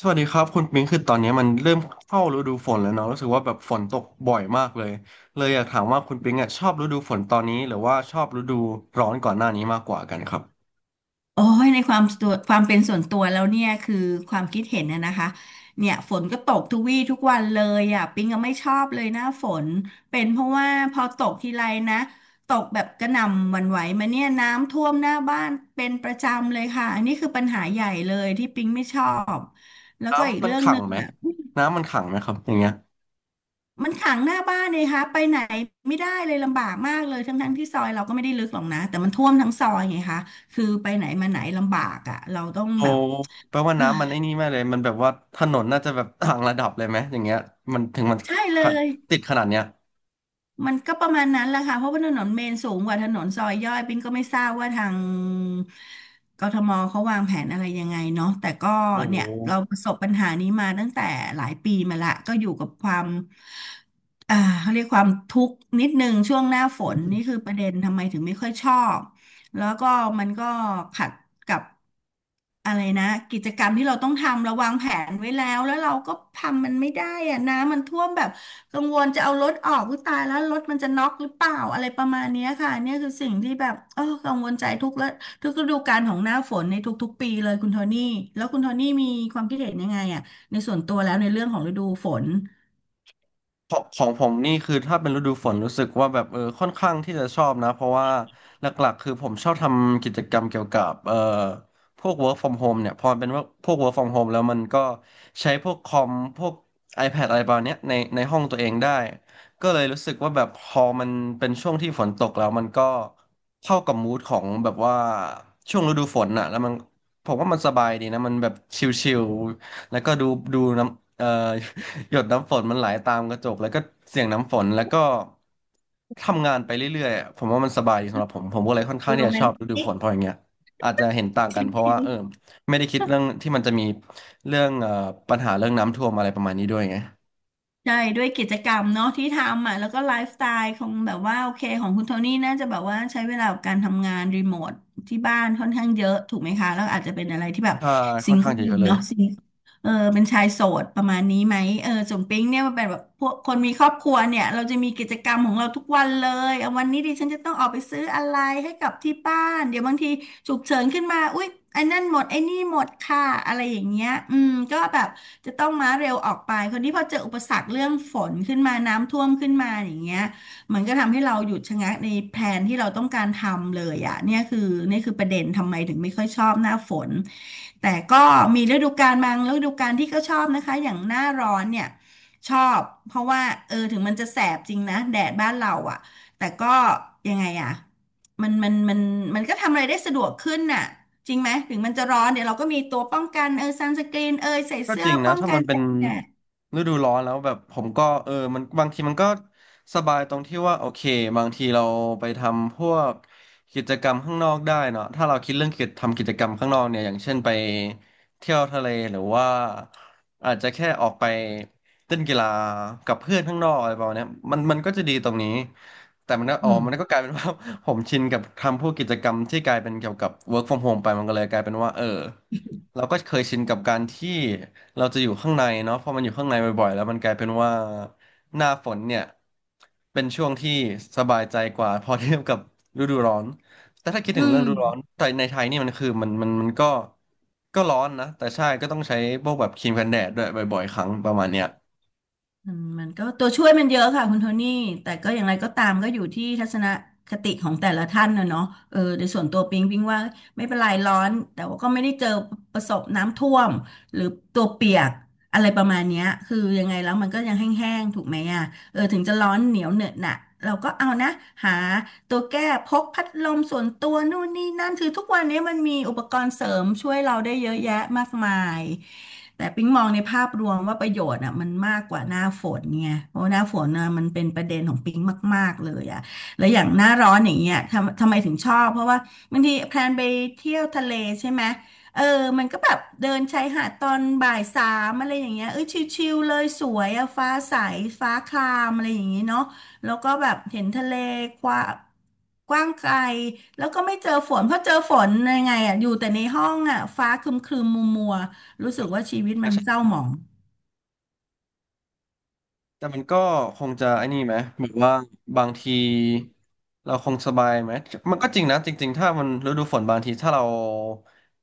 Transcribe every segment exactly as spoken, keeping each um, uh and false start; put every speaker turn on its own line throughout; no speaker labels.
สวัสดีครับคุณปิงคือตอนนี้มันเริ่มเข้าฤดูฝนแล้วเนาะรู้สึกว่าแบบฝนตกบ่อยมากเลยเลยอยากถามว่าคุณปิงอ่ะชอบฤดูฝนตอนนี้หรือว่าชอบฤดูร้อนก่อนหน้านี้มากกว่ากันครับ
โอ้ยในความตัวความเป็นส่วนตัวแล้วเนี่ยคือความคิดเห็นนะนะคะเนี่ยฝนก็ตกทุกวี่ทุกวันเลยอ่ะปิงก็ไม่ชอบเลยหน้าฝนเป็นเพราะว่าพอตกทีไรนะตกแบบกระหน่ำหวั่นไหวมาเนี่ยน้ำท่วมหน้าบ้านเป็นประจำเลยค่ะอันนี้คือปัญหาใหญ่เลยที่ปิงไม่ชอบแล้วก็อีก
น้ำมัน
เรื่อง
ขั
ห
ง
นึ่ง
ไหม
อ่ะ
น้ำมันขังไหมครับอย่างเงี้ย
มันขังหน้าบ้านเลยค่ะไปไหนไม่ได้เลยลำบากมากเลยทั้งๆที่ซอยเราก็ไม่ได้ลึกหรอกนะแต่มันท่วมทั้งซอยไงคะคือไปไหนมาไหนลำบากอ่ะเราต้อง
โอ้
แบบ
แปลว่าน้ำมันไอ้นี่แม่เลยมันแบบว่าถนนน่าจะแบบต่างระดับเลยไหมอย่างเงี้ยมันถึงมัน
ใช่เล
ขะ
ย
ติดขนาดเนี้ย
มันก็ประมาณนั้นแหละค่ะ เพราะว่าถนนเมนสูงกว่าถนนซอยย่อย ปิ้งก็ไม่ทราบว่าทางกทมเขาวางแผนอะไรยังไงเนาะแต่ก็
โอ้
เนี่ยเราประสบปัญหานี้มาตั้งแต่หลายปีมาละก็อยู่กับความอ่าเขาเรียกความทุกข์นิดนึงช่วงหน้าฝน นี่คือประเด็นทำไมถึงไม่ค่อยชอบ แล้วก็มันก็ขัดกับอะไรนะกิจกรรมที่เราต้องทำเราวางแผนไว้แล้วแล้วเราก็ทำมันไม่ได้อะน้ำมันท่วมแบบกังวลจะเอารถออกก็ตายแล้วรถมันจะน็อกหรือเปล่าอะไรประมาณเนี้ยค่ะเนี่ยคือสิ่งที่แบบเออกังวลใจทุกและทุกฤดูกาลของหน้าฝนในทุกๆปีเลยคุณโทนี่แล้วคุณโทนี่มีความคิดเห็นยังไงอะในส่วนตัวแล้วในเรื่องของฤดูฝน
ของของผมนี่คือถ้าเป็นฤดูฝนรู้สึกว่าแบบเออค่อนข้างที่จะชอบนะเพราะว่าหลักๆคือผมชอบทำกิจกรรมเกี่ยวกับเอ่อพวก work from home เนี่ยพอมันเป็นว่าพวก work from home แล้วมันก็ใช้พวกคอมพวก iPad อะไรประมาณเนี้ยในในห้องตัวเองได้ก็เลยรู้สึกว่าแบบพอมันเป็นช่วงที่ฝนตกแล้วมันก็เข้ากับมูดของแบบว่าช่วงฤดูฝนน่ะแล้วมันผมว่ามันสบายดีนะมันแบบชิลๆแล้วก็ดูดูน้ำเอ่อ หยดน้ำฝนมันไหลตามกระจกแล้วก็เสียงน้ำฝนแล้วก็ทำงานไปเรื่อยๆอะผมว่ามันสบายดีสำหรับผมผมก็เลยค่อนข้าง
โร
ที่จะ
แม
ช
น
อบฤดู
ติ
ฝนเพราะอย่างเงี้ยอาจจะเห็นต่างกันเพราะว่าเออ
ก
ไม่ได้คิดเรื่องที่มันจะมีเรื่องเอ่อปัญหาเรื่องน้ำท่วมอะไรประมาณนี้ด้วยไง
ใช่ด้วยกิจกรรมเนาะที่ทำอ่ะแล้วก็ไลฟ์สไตล์ของแบบว่าโอเคของคุณโทนี่น่าจะแบบว่าใช้เวลากับการทำงานรีโมทที่บ้านค่อนข้างเยอะถูกไหมคะแล้วอาจจะเป็นอะไรที่แบบ
ใช่
ซิ
ค่อ
ง
นข้า
เกิ
ง
ล
จะเยอะเลย
เนาะซิงเออเป็นชายโสดประมาณนี้ไหมเออส่วนปิ๊งเนี่ยมันเป็นแบบพวกคนมีครอบครัวเนี่ยเราจะมีกิจกรรมของเราทุกวันเลยเอาวันนี้ดิฉันจะต้องออกไปซื้ออะไรให้กับที่บ้านเดี๋ยวบางทีฉุกเฉินขึ้นมาอุ๊ยไอ้นั่นหมดไอ้นี่หมดค่ะอะไรอย่างเงี้ยอืมก็แบบ จะต้องม้าเร็วออกไปคราวนที่พอเจออุปสรรคเรื่องฝนขึ้นมาน้ำท่วมขึ้นมาอย่างเงี้ยมันก็ทำให้เราหยุดชะงักในแผนที่เราต้องการทำเลยอ่ะเนี่ยคือนี่คือประเด็นทำไมถึงไม่ค่อยชอบหน้าฝนแต่ก็มีฤดูกาลบางฤดูกาลที่ก็ชอบนะคะอย่างหน้าร้อนเนี่ยชอบเพราะว่าเออถึงมันจะแสบจริงนะแดดบ้านเราอ่ะแต่ก็ยังไงอ่ะมันมันมันมันก็ทำอะไรได้สะดวกขึ้นน่ะ จริงไหมถึงมันจะร้อนเดี๋ยวเราก็มีตัวป้องกันเออซันสกรีนเอยใส่
ก็
เสื้
จ
อ
ริงนะ
ป้อง
ถ้า
กั
มั
น
นเป็
แส
น
งแดด
ฤดูร้อนแล้วแบบผมก็เออมันบางทีมันก็สบายตรงที่ว่าโอเคบางทีเราไปทำพวกกิจกรรมข้างนอกได้เนาะถ้าเราคิดเรื่องกิจทำกิจกรรมข้างนอกเนี่ยอย่างเช่นไปเที่ยวทะเลหรือว่าอาจจะแค่ออกไปเล่นกีฬากับเพื่อนข้างนอกอะไรประมาณเนี้ยมันมันก็จะดีตรงนี้แต่มันก็
อื
อ๋อ
ม
มันก็กลายเป็น ว่า ผมชินกับทำพวกกิจกรรมที่กลายเป็นเกี่ยวกับ work from home ไปมันก็เลยกลายเป็นว่าเออเราก็เคยชินกับการที่ เราจะอยู่ข้างในเนาะพอมันอยู่ข้างในบ่อยๆแล้วมันกลายเป็นว่าหน้าฝนเนี่ยเป็นช่วงที่สบายใจกว่าพอเทียบกับฤดูร้อนแต่ถ้าคิด
อื
ถึงเรื่อง
ม
ฤดูร้อนแต่ในไทยนี่มันคือมันมันมันก็ก็ร้อนนะแต่ใช่ก็ต้องใช้พวกแบบครีมกันแดดด้วยบ่อยๆครั้งประมาณเนี้ย
มันมันก็ตัวช่วยมันเยอะค่ะคุณโทนี่แต่ก็อย่างไรก็ตามก็อยู่ที่ทัศนคติของแต่ละท่านนะเนาะเออโดยส่วนตัวปิงปิงว่าไม่เป็นไรร้อนแต่ว่าก็ไม่ได้เจอประสบน้ำท่วมหรือตัวเปียกอะไรประมาณเนี้ยคือยังไงแล้วมันก็ยังแห้งๆถูกไหมอ่ะ เออถึงจะร้อนเหนียวเหนอะหนะเราก็เอานะหาตัวแก้พกพัดลมส่วนตัวนู่นนี่นั่นคือทุกวันนี้มันมีอุปกรณ์เสริมช่วยเราได้เยอะแยะมากมายแต่ปิ๊งมองในภาพรวมว่าประโยชน์อ่ะมันมากกว่าหน้าฝนไงเพราะว่าหน้าฝนน่ะมันเป็นประเด็นของปิ๊งมากๆเลยอ่ะแล้วอย่างหน้าร้อนอย่างเงี้ยทำทำไมถึงชอบเพราะว่าบางทีแพลนไปเที่ยวทะเลใช่ไหม เออมันก็แบบเดินชายหาดตอนบ่ายสามอะไรอย่างเงี้ยเอ้ยชิลๆเลยสวยอะฟ้าใสฟ้าครามอะไรอย่างงี้เนาะแล้วก็แบบเห็นทะเลกว้างกว้างไกลแล้วก็ไม่เจอฝนเพราะเจอฝนยังไงอะอยู่แต่ในห้องอะฟ้าครึมๆมัวๆรู้สึกว่าชีวิตมันเศร้าหมอง
แต่มันก็คงจะไอ้นี่ไหมแบบว่าบางทีเราคงสบายไหมมันก็จริงนะจริงๆถ้ามันฤดูฝนบางทีถ้าเรา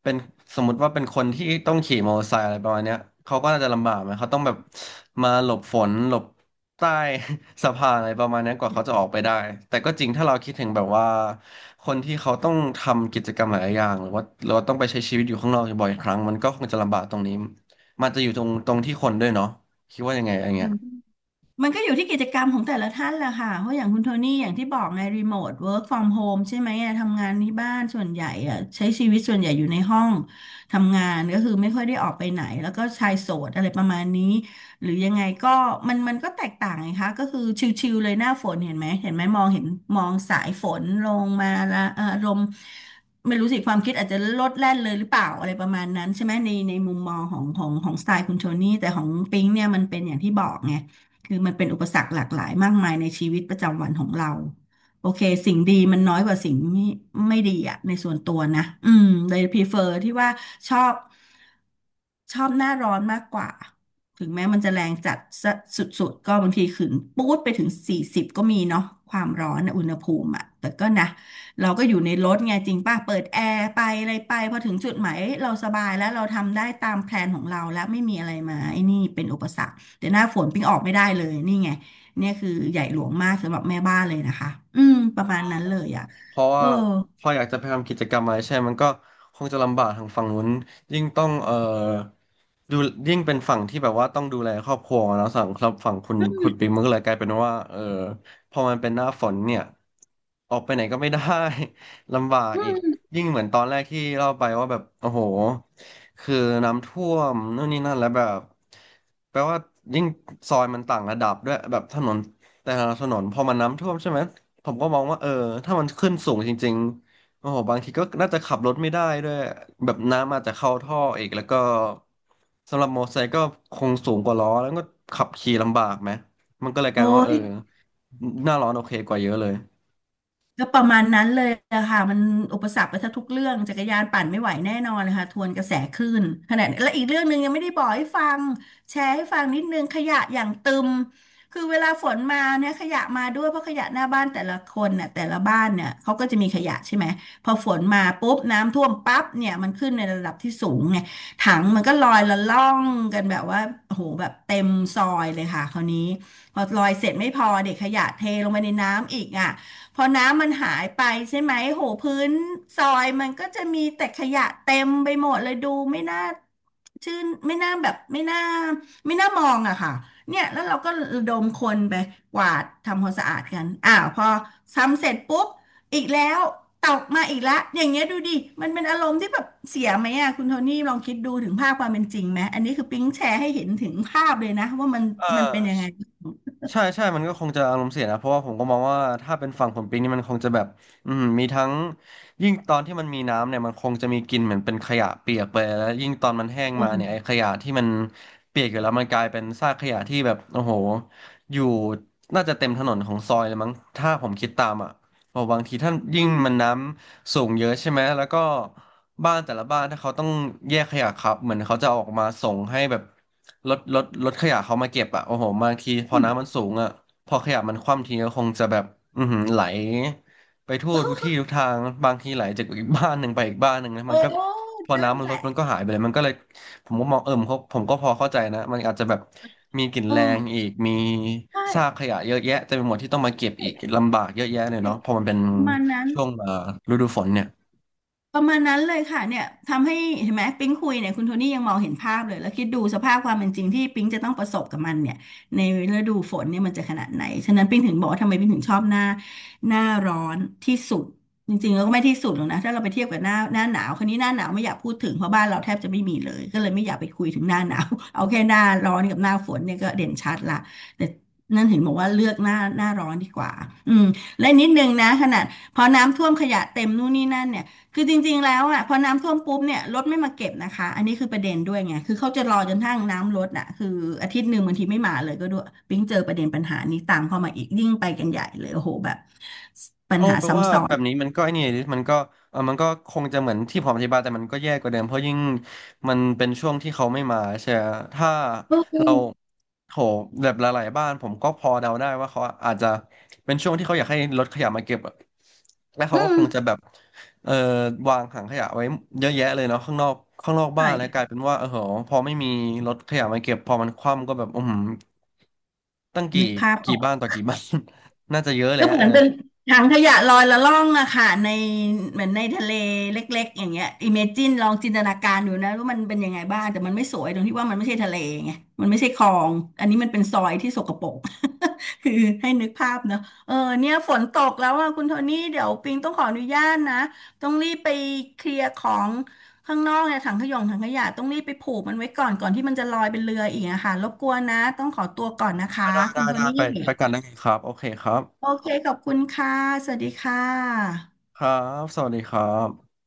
เป็นสมมติว่าเป็นคนที่ต้องขี่มอเตอร์ไซค์อะไรประมาณเนี้ยเขาก็น่าจะลำบากไหมเขาต้องแบบมาหลบฝนหลบใต้ สะพานอะไรประมาณนั้นกว่าเขาจะออกไปได้แต่ก็จริงถ้าเราคิดถึงแบบว่าคนที่เขาต้องทำกิจกรรมหลายอย่างหรือว่าเราต้องไปใช้ชีวิตอยู่ข้างนอกบ่อยครั้งมันก็คงจะลำบากตรงนี้มันจะอยู่ตรงตรงที่คนด้วยเนาะคิดว่ายังไงอะไรเงี้
มั
ย
น มันก็อยู่ที่กิจกรรมของแต่ละท่านแหละค่ะเพราะอย่างคุณโทนี่อย่างที่บอกไงรีโมทเวิร์กฟอร์มโฮมใช่ไหมอะทำงานที่บ้านส่วนใหญ่อะใช้ชีวิตส่วนใหญ่อยู่ในห้องทำงานก็คือไม่ค่อยได้ออกไปไหนแล้วก็ชายโสดอะไรประมาณนี้หรือยังไงก็มันมันก็แตกต่างไงคะก็คือชิลๆเลยหน้าฝนเห็นไหมเห็นไหมมองเห็นมองสายฝนลงมาละเอ่ออารมณ์ไม่รู้สิความคิดอาจจะลดแล่นเลยหรือเปล่าอะไรประมาณนั้นใช่ไหมในในมุมมองของของของสไตล์คุณโทนี่แต่ของปิงเนี่ยมันเป็นอย่างที่บอกไง คือมันเป็นอุปสรรคหลากหลายมากมายในชีวิตประจำวันของเราโอเคสิ่งดีมันน้อยกว่าสิ่งไม่ไม่ดีอะในส่วนตัวนะอืมเลยพรีเฟอร์ที่ว่าชอบชอบหน้าร้อนมากกว่าถึงแม้มันจะแรงจัดสะสุดๆก็บางทีขึ้นปู๊ดไปถึงสี่สิบก็มีเนาะความร้อนนะอุณหภูมิอะแต่ก็นะเราก็อยู่ในรถไงจริงป่ะเปิดแอร์ไปอะไรไปพอถึงจุดหมายเอ้ยเราสบายแล้วเราทำได้ตามแพลนของเราแล้วไม่มีอะไรมาไอ้นี่เป็นอุปสรรค แต่หน้าฝนปิ้งออกไม่ได้เลยนี่ไงเนี่ยคือใหญ่หลวงมากสำหรับแม่บ้านเลยนะคะอืมประมาณนั้นเลยอ่ะ
เพราะ
เอ
ว่า
อ
พออยากจะไปทำกิจกรรมอะไรใช่มันก็คงจะลำบากทางฝั่งนู้นยิ่งต้องเอ่อดูยิ่งเป็นฝั่งที่แบบว่าต้องดูแลครอบครัวแล้วสั่งครับฝั่งคุณคุณปิงมันก็เลยกลายเป็นว่าเออพอมันเป็นหน้าฝนเนี่ยออกไปไหนก็ไม่ได้ ลำบาก
อื
อีก
ม
ยิ่งเหมือนตอนแรกที่เล่าไปว่าแบบโอ้โหคือน้ำท่วมนู่นนี่นั่นแล้วแบบแปลว่ายิ่งซอยมันต่างระดับด้วยแบบถนนแต่ละถนนพอมันน้ำท่วมใช่ไหม ผมก็มองว่าเออถ้ามันขึ้นสูงจริงๆโอ้โหบางทีก็น่าจะขับรถไม่ได้ด้วยแบบน้ำอาจจะเข้าท่ออีกแล้วก็สำหรับมอเตอร์ไซค์ก็คงสูงกว่าล้อแล้วก็ขับขี่ลำบากไหมมันก็เลยกลา
โอ้
ยเป็นว่าเอ
ย
อหน้าร้อนโอเคกว่าเยอะเลย
ก็ประมาณนั้นเลยอะค่ะมันอุปสรรคไปแทงทุกเรื่องจักรยานปั่นไม่ไหวแน่นอนเลยค่ะทวนกระแสคลื่นขณะและอีกเรื่องหนึ่งยังไม่ได้บอกให้ฟังแชร์ให้ฟังนิดนึงขยะอย่างตึมคือเวลาฝนมาเนี่ยขยะมาด้วยเพราะขยะหน้าบ้านแต่ละคนเนี่ยแต่ละบ้านเนี่ยเขาก็จะมีขยะใช่ไหมพอฝนมาปุ๊บน้ำท่วมปั๊บเนี่ยมันขึ้นในระดับที่สูงไงถังมันก็ลอยละล่องกันแบบว่าโอ้โหแบบเต็มซอยเลยค่ะคราวนี้พอลอยเสร็จไม่พอเด็กขยะเทลงไปในน้ำอีกอ่ะ พอน้ำมันหายไปใช่ไหมโหพื้นซอยมันก็จะมีแต่ขยะเต็มไปหมดเลยดูไม่น่าชื่นไม่น่าแบบไม่น่าไม่น่ามองอะค่ะเนี่ยแล้วเราก็ระดมคนไปกวาดทำความสะอาดกันอ้าวพอทำเสร็จปุ๊บอีกแล้วตกมาอีกแล้วอย่างเงี้ยดูดิมันเป็นอารมณ์ที่แบบเสียไหมอะคุณโทนี่ลองคิดดูถึงภาพความเป็นจริงไหมอันนี้คือปิ๊งแชร์ให้เห็นถึงภาพเลยนะว่ามัน
เอ
มันเป็นยังไง
อ ใช่ใช่ มันก็คงจะอารมณ์เสียนะ เพราะว่าผมก็มองว่าถ้าเป็นฝั่งผลปิงนี่มันคงจะแบบอืมมีทั้งยิ่งตอนที่มันมีน้ำเนี่ยมันคงจะมีกลิ่นเหมือนเป็นขยะเปียกไปแล้วยิ่งตอนมันแห้งมาเนี่ยไอ้ขยะที่มันเปียกอยู่แล้วมันกลายเป็นซากขยะที่แบบโอ้โหอยู่น่าจะเต็มถนนของซอยเลยมั้งถ้าผมคิดตามอ่ะเพราะบางทีท่านยิ่
อื
ง
ม
มันน้ำสูงเยอะใช่ไหมแล้วก็บ้านแต่ละบ้านถ้าเขาต้องแยกขยะครับเหมือนเขาจะเอาออกมาส่งให้แบบ รถรถรถขยะเขามาเก็บอ่ะโอ้โหบางทีพอ
อืม
น้ำมันสูงอ่ะพอขยะมันคว่ำทีก็คงจะแบบอือหือไหลไปทั่วทุกที่ทุก ทางบางทีไหลจากอีกบ้านหนึ่งไปอีกบ้านหนึ่งนะ
โอ้
มันก็พอ
นั่น
น้ำมัน
แห
ลด
ละ
มันก็หายไปเลยมันก็เลยผมก็มองเออผมก็ผมก็พอเข้าใจนะมันอาจจะแบบมีกลิ่น
เอ
แร
อ
งอีกมี
ใช่
ซากขยะเยอะแยะเต็มไปหมดที่ต้องมาเก็บอีก
ใช่
ลำบากเยอะแยะเลย
ใช่
เนาะพอมันเป็น
ประมาณนั้น
ช่วงเอ่อฤดูฝนเนี่ย
ประมาณนั้นเลยค่ะเนี่ยทำให้เห็นไหมปิ๊งคุยเนี่ยคุณโทนี่ยังมองเห็นภาพเลยแล้วคิดดูสภาพความเป็นจริงที่ปิ๊งจะต้องประสบกับมันเนี่ยในฤดูฝนเนี่ยมันจะขนาดไหนฉะนั้นปิ๊งถึงบอกว่าทำไมปิ๊งถึงชอบหน้าหน้าร้อนที่สุดจริงๆแล้วก็ไม่ที่สุดหรอกนะถ้าเราไปเทียบกับหน้าหน้าหนาวคนนี้หน้าหนาวไม่อยากพูดถึงเพราะบ้านเราแทบจะไม่มีเลยก็เลยไม่อยากไปคุยถึงหน้าหนาวเอาแค่หน้าร้อนกับหน้าฝนเนี่ยก็เด่นชัดละแต่นั่นถึงบอกว่าเลือกหน้าหน้าร้อนดีกว่าอืมและนิดนึงนะขนาดพอน้ำท่วมขยะเต็มนู่นนี่นั่นเนี่ย คือจริงๆแล้วอ่ะพอน้ำท่วมปุ๊บเนี่ยรถไม่มาเก็บนะคะอันนี้คือประเด็นด้วยไงคือเขาจะรอจนทั้งน้ำลดอ่ะคืออาทิตย์หนึ่งบางทีไม่มาเลยก็ด้วยปิ๊งเจอประเด็นปัญหานี้ตามเข้ามาอีกยิ่งไปกันใหญ่เลยโอ้โหแบบ
โอ้
สอะ
แปลว่า
ซ้
แบบนี้มันก็ไอ้นี่ดิมันก็เออมันก็คงจะเหมือนที่ผมอธิบายแต่มันก็แย่กว่าเดิมเพราะยิ่งมันเป็นช่วงที่เขาไม่มาใช่ไหมถ้า
ำอื
เรา
ม
โถแบบหลายๆบ้านผมก็พอเดาได้ว่าเขาอาจจะเป็นช่วงที่เขาอยากให้รถขยะมาเก็บอะและเขา
อื
ก็คงจะ
ม
แบบเออวางถังขยะไว้เยอะแยะเลยเนาะข้างนอกข้างนอกบ้า
ใช่
นแล้วกลายเป็นว่าเออโหพอไม่มีรถขยะมาเก็บพอมันคว่ำก็แบบอืมตั้งกี่
นึกภาพอ
กี่
อก
บ้านต่อกี่บ้าน น่าจะเยอะแล้
ก็
ว
เหมือนเป็นถังขยะลอยละล่องอะค่ะในเหมือนในทะเลเล็กๆอย่างเงี้ยอิเมจินลองจินตนาการดูนะว่ามันเป็นยังไงบ้างแต่มันไม่สวยตรงที่ว่ามันไม่ใช่ทะเลไงมันไม่ใช่คลองอันนี้มันเป็นซอยที่สกปรก คือให้นึกภาพเนาะเออเนี่ยฝนตกแล้วอะคุณโทนี่เดี๋ยวปิงต้องขออนุญาตนะต้องรีบไปเคลียร์ของข้างนอกเนี่ยถังขยงถังขยะต้องรีบไปผูกมันไว้ก่อนก่อนที่มันจะลอยเป็นเรืออีกอะค่ะรบกวนนะต้องขอตัวก่อนนะคะ
ได้ได้
คุ
ได้
ณโท
ได้
นี่
ไปไปกันได้ไงครับโอเคครับ
โอเคขอบคุณค่ะ สวัสดีค่ะ
ครับสวัสดีครับ